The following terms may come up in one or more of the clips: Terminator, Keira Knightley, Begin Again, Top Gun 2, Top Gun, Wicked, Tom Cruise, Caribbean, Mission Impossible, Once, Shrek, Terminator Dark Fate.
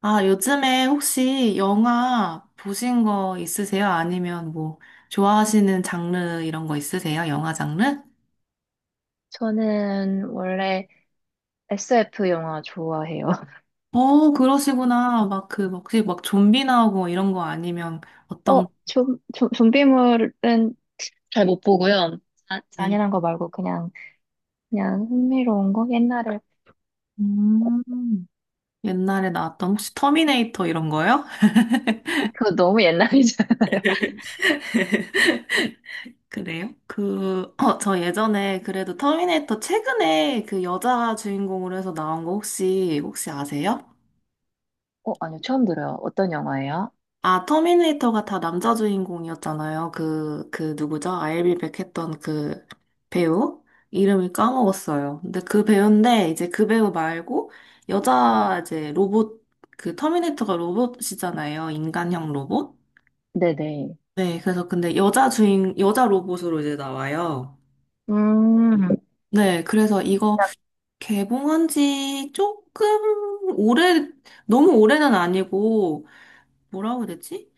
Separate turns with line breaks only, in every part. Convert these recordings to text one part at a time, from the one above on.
아, 요즘에 혹시 영화 보신 거 있으세요? 아니면 뭐 좋아하시는 장르 이런 거 있으세요? 영화 장르?
저는 원래 SF 영화 좋아해요.
어, 그러시구나. 막 혹시 막 좀비 나오고 이런 거 아니면 어떤,
좀비물은 잘 못 보고요. 자,
네.
잔인한 거 말고 그냥 흥미로운 거? 옛날에.
음, 옛날에 나왔던 혹시 터미네이터 이런 거요?
그거 너무 옛날이잖아요.
그래요? 저 예전에 그래도 터미네이터 최근에 그 여자 주인공으로 해서 나온 거 혹시 아세요?
아니요. 처음 들어요. 어떤 영화예요?
아, 터미네이터가 다 남자 주인공이었잖아요. 그 누구죠? 아일비 백 했던 그 배우? 이름을 까먹었어요. 근데 그 배우인데, 이제 그 배우 말고, 여자 이제 로봇, 그 터미네이터가 로봇이잖아요. 인간형 로봇?
네네.
네, 그래서 근데 여자 로봇으로 이제 나와요.
음,
네, 그래서 이거 개봉한 지 조금 오래, 너무 오래는 아니고, 뭐라고 해야 되지?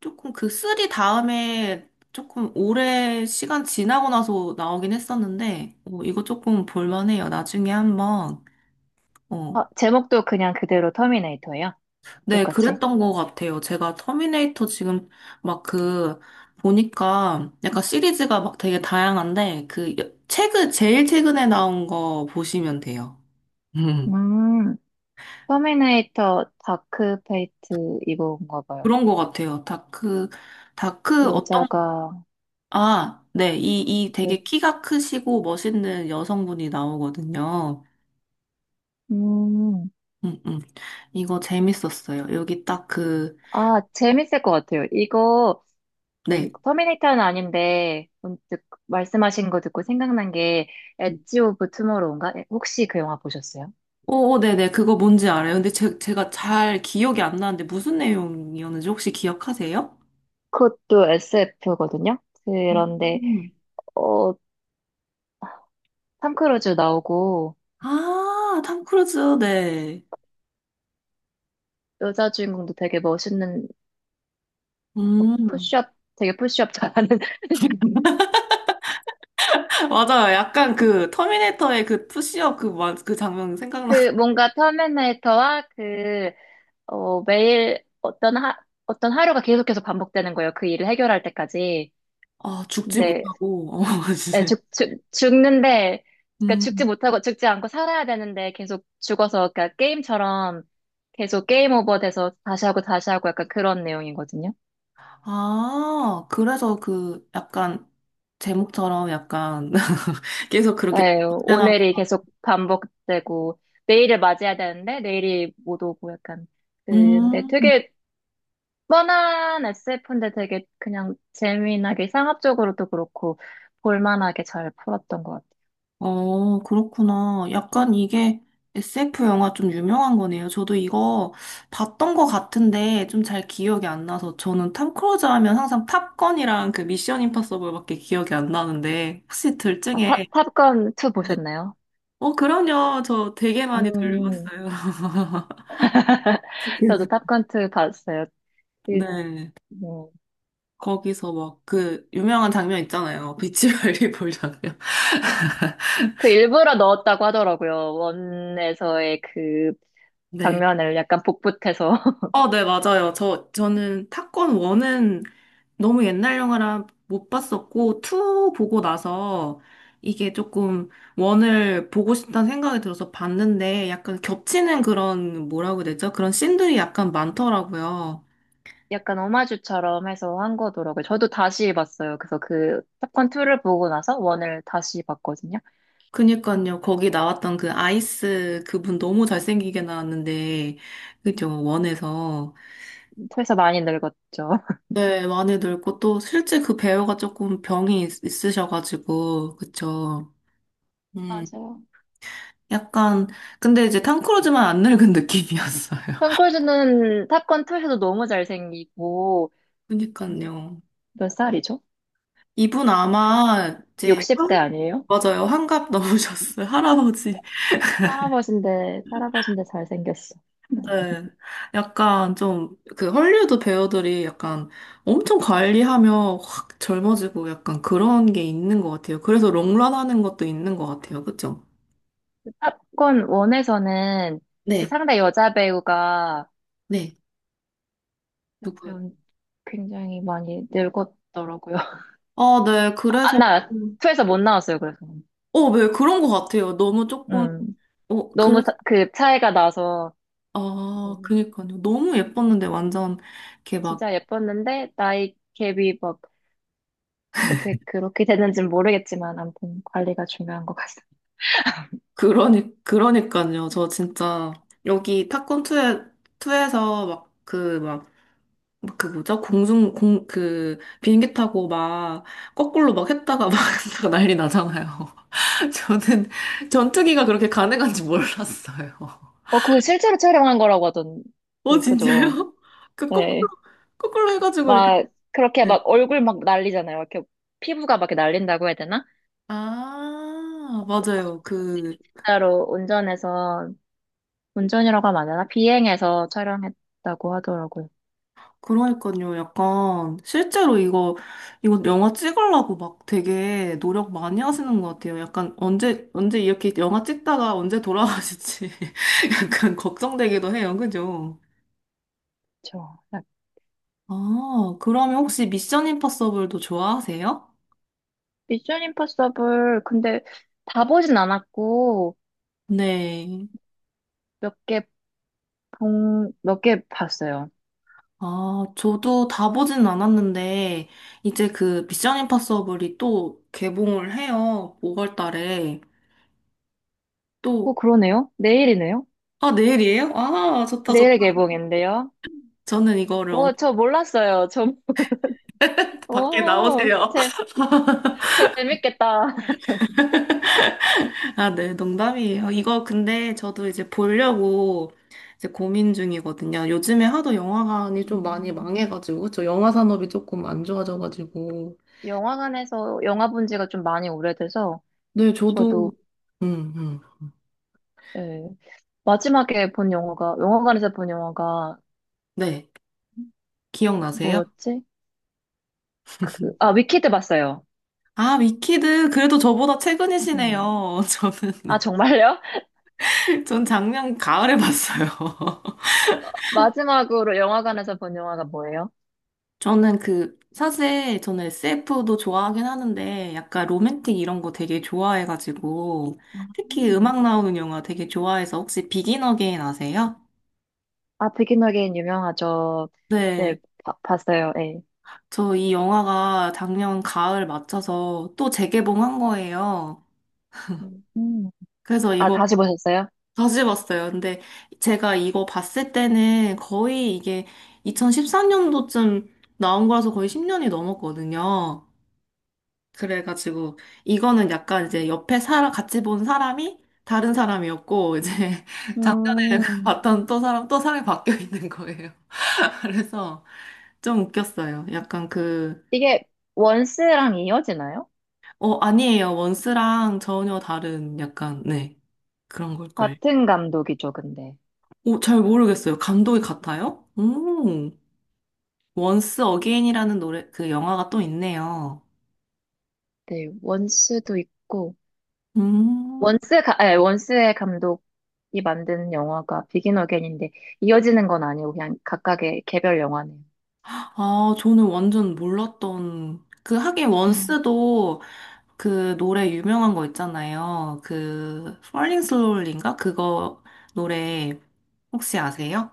조금 그 쓰리 다음에 조금 오래 시간 지나고 나서 나오긴 했었는데, 이거 조금 볼만해요. 나중에 한번. 어.
제목도 그냥 그대로 터미네이터예요?
네,
똑같이?
그랬던 것 같아요. 제가 터미네이터 지금 막 그, 보니까 약간 시리즈가 막 되게 다양한데, 제일 최근에 나온 거 보시면 돼요. 음,
음, 터미네이터 다크 페이트 이거인가 봐요.
그런 것 같아요. 다크, 다크 어떤,
여자가,
아, 네, 이 되게 키가 크시고 멋있는 여성분이 나오거든요.
음,
음, 음. 이거 재밌었어요. 여기 딱 그,
아, 재밌을 것 같아요. 이거, 그
네.
터미네이터는 아닌데 문득 말씀하신 거 듣고 생각난 게 엣지 오브 투모로우인가? 혹시 그 영화 보셨어요?
오, 네네. 그거 뭔지 알아요. 근데 제가 잘 기억이 안 나는데 무슨 내용이었는지 혹시 기억하세요?
그것도 SF거든요. 그런데
음.
어, 탐 크루즈 나오고
아, 탐 크루즈, 네.
여자 주인공도 되게 멋있는
음.
푸시업 되게 푸시업 잘하는
맞아요. 약간 그 터미네이터의 그 푸시업 그 장면 생각나.
그 뭔가 터미네이터와 그 매일 어떤 하루가 계속해서 반복되는 거예요. 그 일을 해결할 때까지.
아, 죽지
근데
못하고. 어,
네,
진짜.
죽는데, 그러니까 죽지
음.
못하고, 죽지 않고 살아야 되는데 계속 죽어서, 그러니까 게임처럼 계속 게임 오버 돼서 다시 하고 다시 하고 약간 그런 내용이거든요.
아, 그래서 그 약간 제목처럼 약간 계속 그렇게
네, 오늘이 계속 반복되고, 내일을 맞이해야 되는데 내일이 못 오고 약간. 근데
음,
되게 뻔한 SF인데 되게 그냥 재미나게 상업적으로도 그렇고, 볼만하게 잘 풀었던 것 같아요.
어, 그렇구나. 약간 이게 SF 영화 좀 유명한 거네요. 저도 이거 봤던 것 같은데 좀 잘 기억이 안 나서 저는 탐 크루즈 하면 항상 탑건이랑 그 미션 임파서블밖에 기억이 안 나는데 혹시
아,
들증에
탑건 2
네.
보셨나요?
어, 그럼요. 저 되게 많이
음,
들려봤어요.
저도 탑건 2 봤어요. 그
네.
뭐,
거기서 막 그 유명한 장면 있잖아요. 비치 발리볼 장면.
그 일부러 넣었다고 하더라고요. 원에서의 그
네.
장면을 약간 복붙해서
어, 네, 맞아요. 저는 타건 원은 너무 옛날 영화라 못 봤었고, 투 보고 나서 이게 조금 원을 보고 싶다는 생각이 들어서 봤는데, 약간 겹치는 그런, 뭐라고 해야 되죠? 그런 씬들이 약간 많더라고요.
약간 오마주처럼 해서 한 거더라고요. 저도 다시 봤어요. 그래서 그 탑건 2를 보고 나서 원을 다시 봤거든요.
그니까요, 거기 나왔던 그 아이스 그분 너무 잘생기게 나왔는데, 그죠, 원에서.
2에서 많이 늙었죠.
네, 많이 늙고 또 실제 그 배우가 조금 병이 있으셔가지고, 그쵸. 음,
맞아요.
약간, 근데 이제 탐 크루즈만 안 늙은 느낌이었어요.
톰 크루즈는 탑건 2에서도 너무 잘생기고
그니까요.
몇 살이죠?
이분 아마 이제
60대
한-
아니에요?
맞아요. 환갑 넘으셨어요. 할아버지.
할아버지인데 할아버지인데 잘생겼어.
네. 약간 좀 그 헐리우드 배우들이 약간 엄청 관리하며 확 젊어지고 약간 그런 게 있는 것 같아요. 그래서 롱런 하는 것도 있는 것 같아요. 그쵸?
탑건 원에서는
네.
상대 여자 배우가
네.
옆에
누구요?
굉장히 많이 늙었더라고요.
아, 네.
안
그래서
나왔,
좀-
투에서 못 나왔어요, 그래서.
어, 네. 그런 것 같아요. 너무 조금
음,
어, 그래.
너무 그 차이가 나서,
아,
뭐,
그니까요. 너무 예뻤는데 완전 이렇게 막
진짜 예뻤는데, 나이 갭이 막, 어떻게 그렇게 됐는지는 모르겠지만, 아무튼 관리가 중요한 것 같습니다.
그러니까요. 저 진짜, 여기 탑건 투에투에서 막 그 뭐죠? 비행기 타고 막, 거꾸로 막 했다가 막 했다가 난리 나잖아요. 저는 전투기가 그렇게 가능한지 몰랐어요.
그거 실제로 촬영한 거라고 하던데,
어,
그죠?
진짜요? 그, 거꾸로,
네.
거꾸로 해가지고 이렇게.
막, 그렇게
네.
막 얼굴 막 날리잖아요. 이렇게 피부가 막 이렇게 날린다고 해야 되나?
아, 맞아요. 그,
따로 운전해서, 운전이라고 하면 안 되나? 비행해서 촬영했다고 하더라고요.
그러니까요. 약간 실제로 이거 영화 찍으려고 막 되게 노력 많이 하시는 것 같아요. 약간 언제 이렇게 영화 찍다가 언제 돌아가실지 약간 걱정되기도 해요. 그죠?
그렇죠.
아, 그러면 혹시 미션 임파서블도 좋아하세요?
미션 임파서블, 근데 다 보진 않았고,
네.
몇 개, 몇 개 봤어요.
아, 저도 다 보진 않았는데 이제 그 미션 임파서블이 또 개봉을 해요. 5월 달에. 또
그러네요? 내일이네요?
아, 내일이에요? 아, 좋다, 좋다.
내일 개봉인데요?
저는 이거를
오 저 몰랐어요. 좀,
밖에
오,
나오세요.
재밌겠다.
아, 네, 농담이에요. 이거 근데 저도 이제 보려고 이제 고민 중이거든요. 요즘에 하도 영화관이 좀 많이
음,
망해가지고, 저 영화 산업이 조금 안 좋아져가지고.
영화관에서 영화 본 지가 좀 많이 오래돼서,
네, 저도,
저도,
음, 음.
예, 마지막에 본 영화가, 영화관에서 본 영화가
네, 기억나세요?
뭐였지? 그, 아, 위키드 봤어요.
아, 위키드, 그래도 저보다
음.
최근이시네요.
아,
저는,
정말요?
전 작년 가을에 봤어요.
마지막으로 영화관에서 본 영화가 뭐예요?
저는 그, 사실 저는 SF도 좋아하긴 하는데 약간 로맨틱 이런 거 되게 좋아해가지고 특히 음악 나오는 영화 되게 좋아해서 혹시 비긴 어게인 아세요?
아, 비긴 어게인 유명하죠. 네,
네.
봤어요. 예.
저 이 영화가 작년 가을 맞춰서 또 재개봉한 거예요.
음.
그래서
아,
이거
다시 보셨어요?
다시 봤어요. 근데 제가 이거 봤을 때는 거의 이게 2013년도쯤 나온 거라서 거의 10년이 넘었거든요. 그래가지고 이거는 약간 이제 옆에 사람 같이 본 사람이 다른 사람이었고 이제 작년에
음.
봤던 또 사람이 바뀌어 있는 거예요. 그래서 좀 웃겼어요. 약간 그,
이게 원스랑 이어지나요?
어, 아니에요. 원스랑 전혀 다른 약간, 네, 그런 걸걸.
같은 감독이죠, 근데.
오, 잘 모르겠어요. 감독이 같아요? 원스 어게인이라는 노래, 그 영화가 또 있네요.
네, 원스도 있고
음,
원스 가, 아니, 원스의 감독이 만든 영화가 비긴 어게인인데 이어지는 건 아니고 그냥 각각의 개별 영화네요.
아, 저는 완전 몰랐던, 그 하긴
음.
원스도 그 노래 유명한 거 있잖아요. 그 Falling Slowly인가? 그거 노래 혹시 아세요?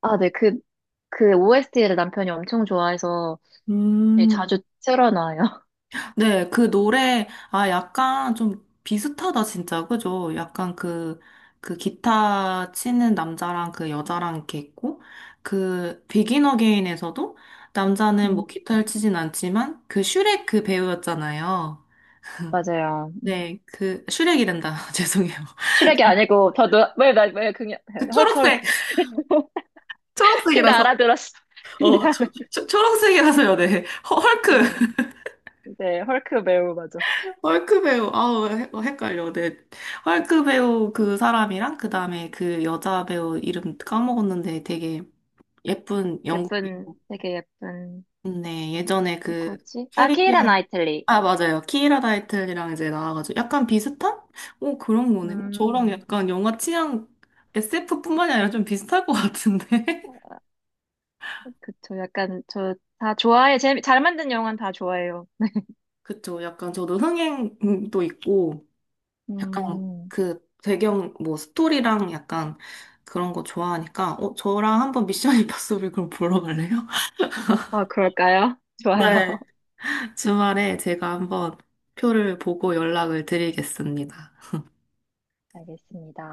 아, 네. OST를 남편이 엄청 좋아해서 네,
음,
자주 틀어놔요.
네, 그 노래 아 약간 좀 비슷하다 진짜. 그죠? 약간 그 기타 치는 남자랑 그 여자랑 이렇게 있고 그 비긴 어게인에서도 남자는
음,
뭐 기타를 치진 않지만 그 슈렉 그 배우였잖아요.
맞아요.
네, 그 슈렉이란다. 죄송해요.
슈렉이 아니고 더 노, 왜, 나, 왜, 그냥,
그
헐크,
초록색
헐크. 근데
초록색이라서
알아들었어. 근데
어,
알아.
초록색이 라서요, 네. 헐크,
음, 네, 헐크 매우 맞아.
헐크 배우, 아우, 헷갈려, 네. 헐크 배우 그 사람이랑, 그 다음에 그 여자 배우 이름 까먹었는데 되게 예쁜 영국,
예쁜, 되게 예쁜,
네, 예전에 그
누구지? 아, 키이라
캐리비안,
나이틀리.
아, 맞아요. 키이라 다이틀이랑 이제 나와가지고 약간 비슷한? 오, 그런 거네. 오,
음,
저랑 약간 영화 취향 SF뿐만이 아니라 좀 비슷할 것 같은데?
그쵸. 약간, 저, 다 좋아해. 잘 만든 영화는 다 좋아해요.
그쵸. 약간 저도 흥행도 있고, 약간
음,
그 배경 뭐 스토리랑 약간 그런 거 좋아하니까 어 저랑 한번 미션 임파서블 그럼 보러 갈래요?
아, 그럴까요? 좋아요.
네. 주말에 제가 한번 표를 보고 연락을 드리겠습니다.
알겠습니다.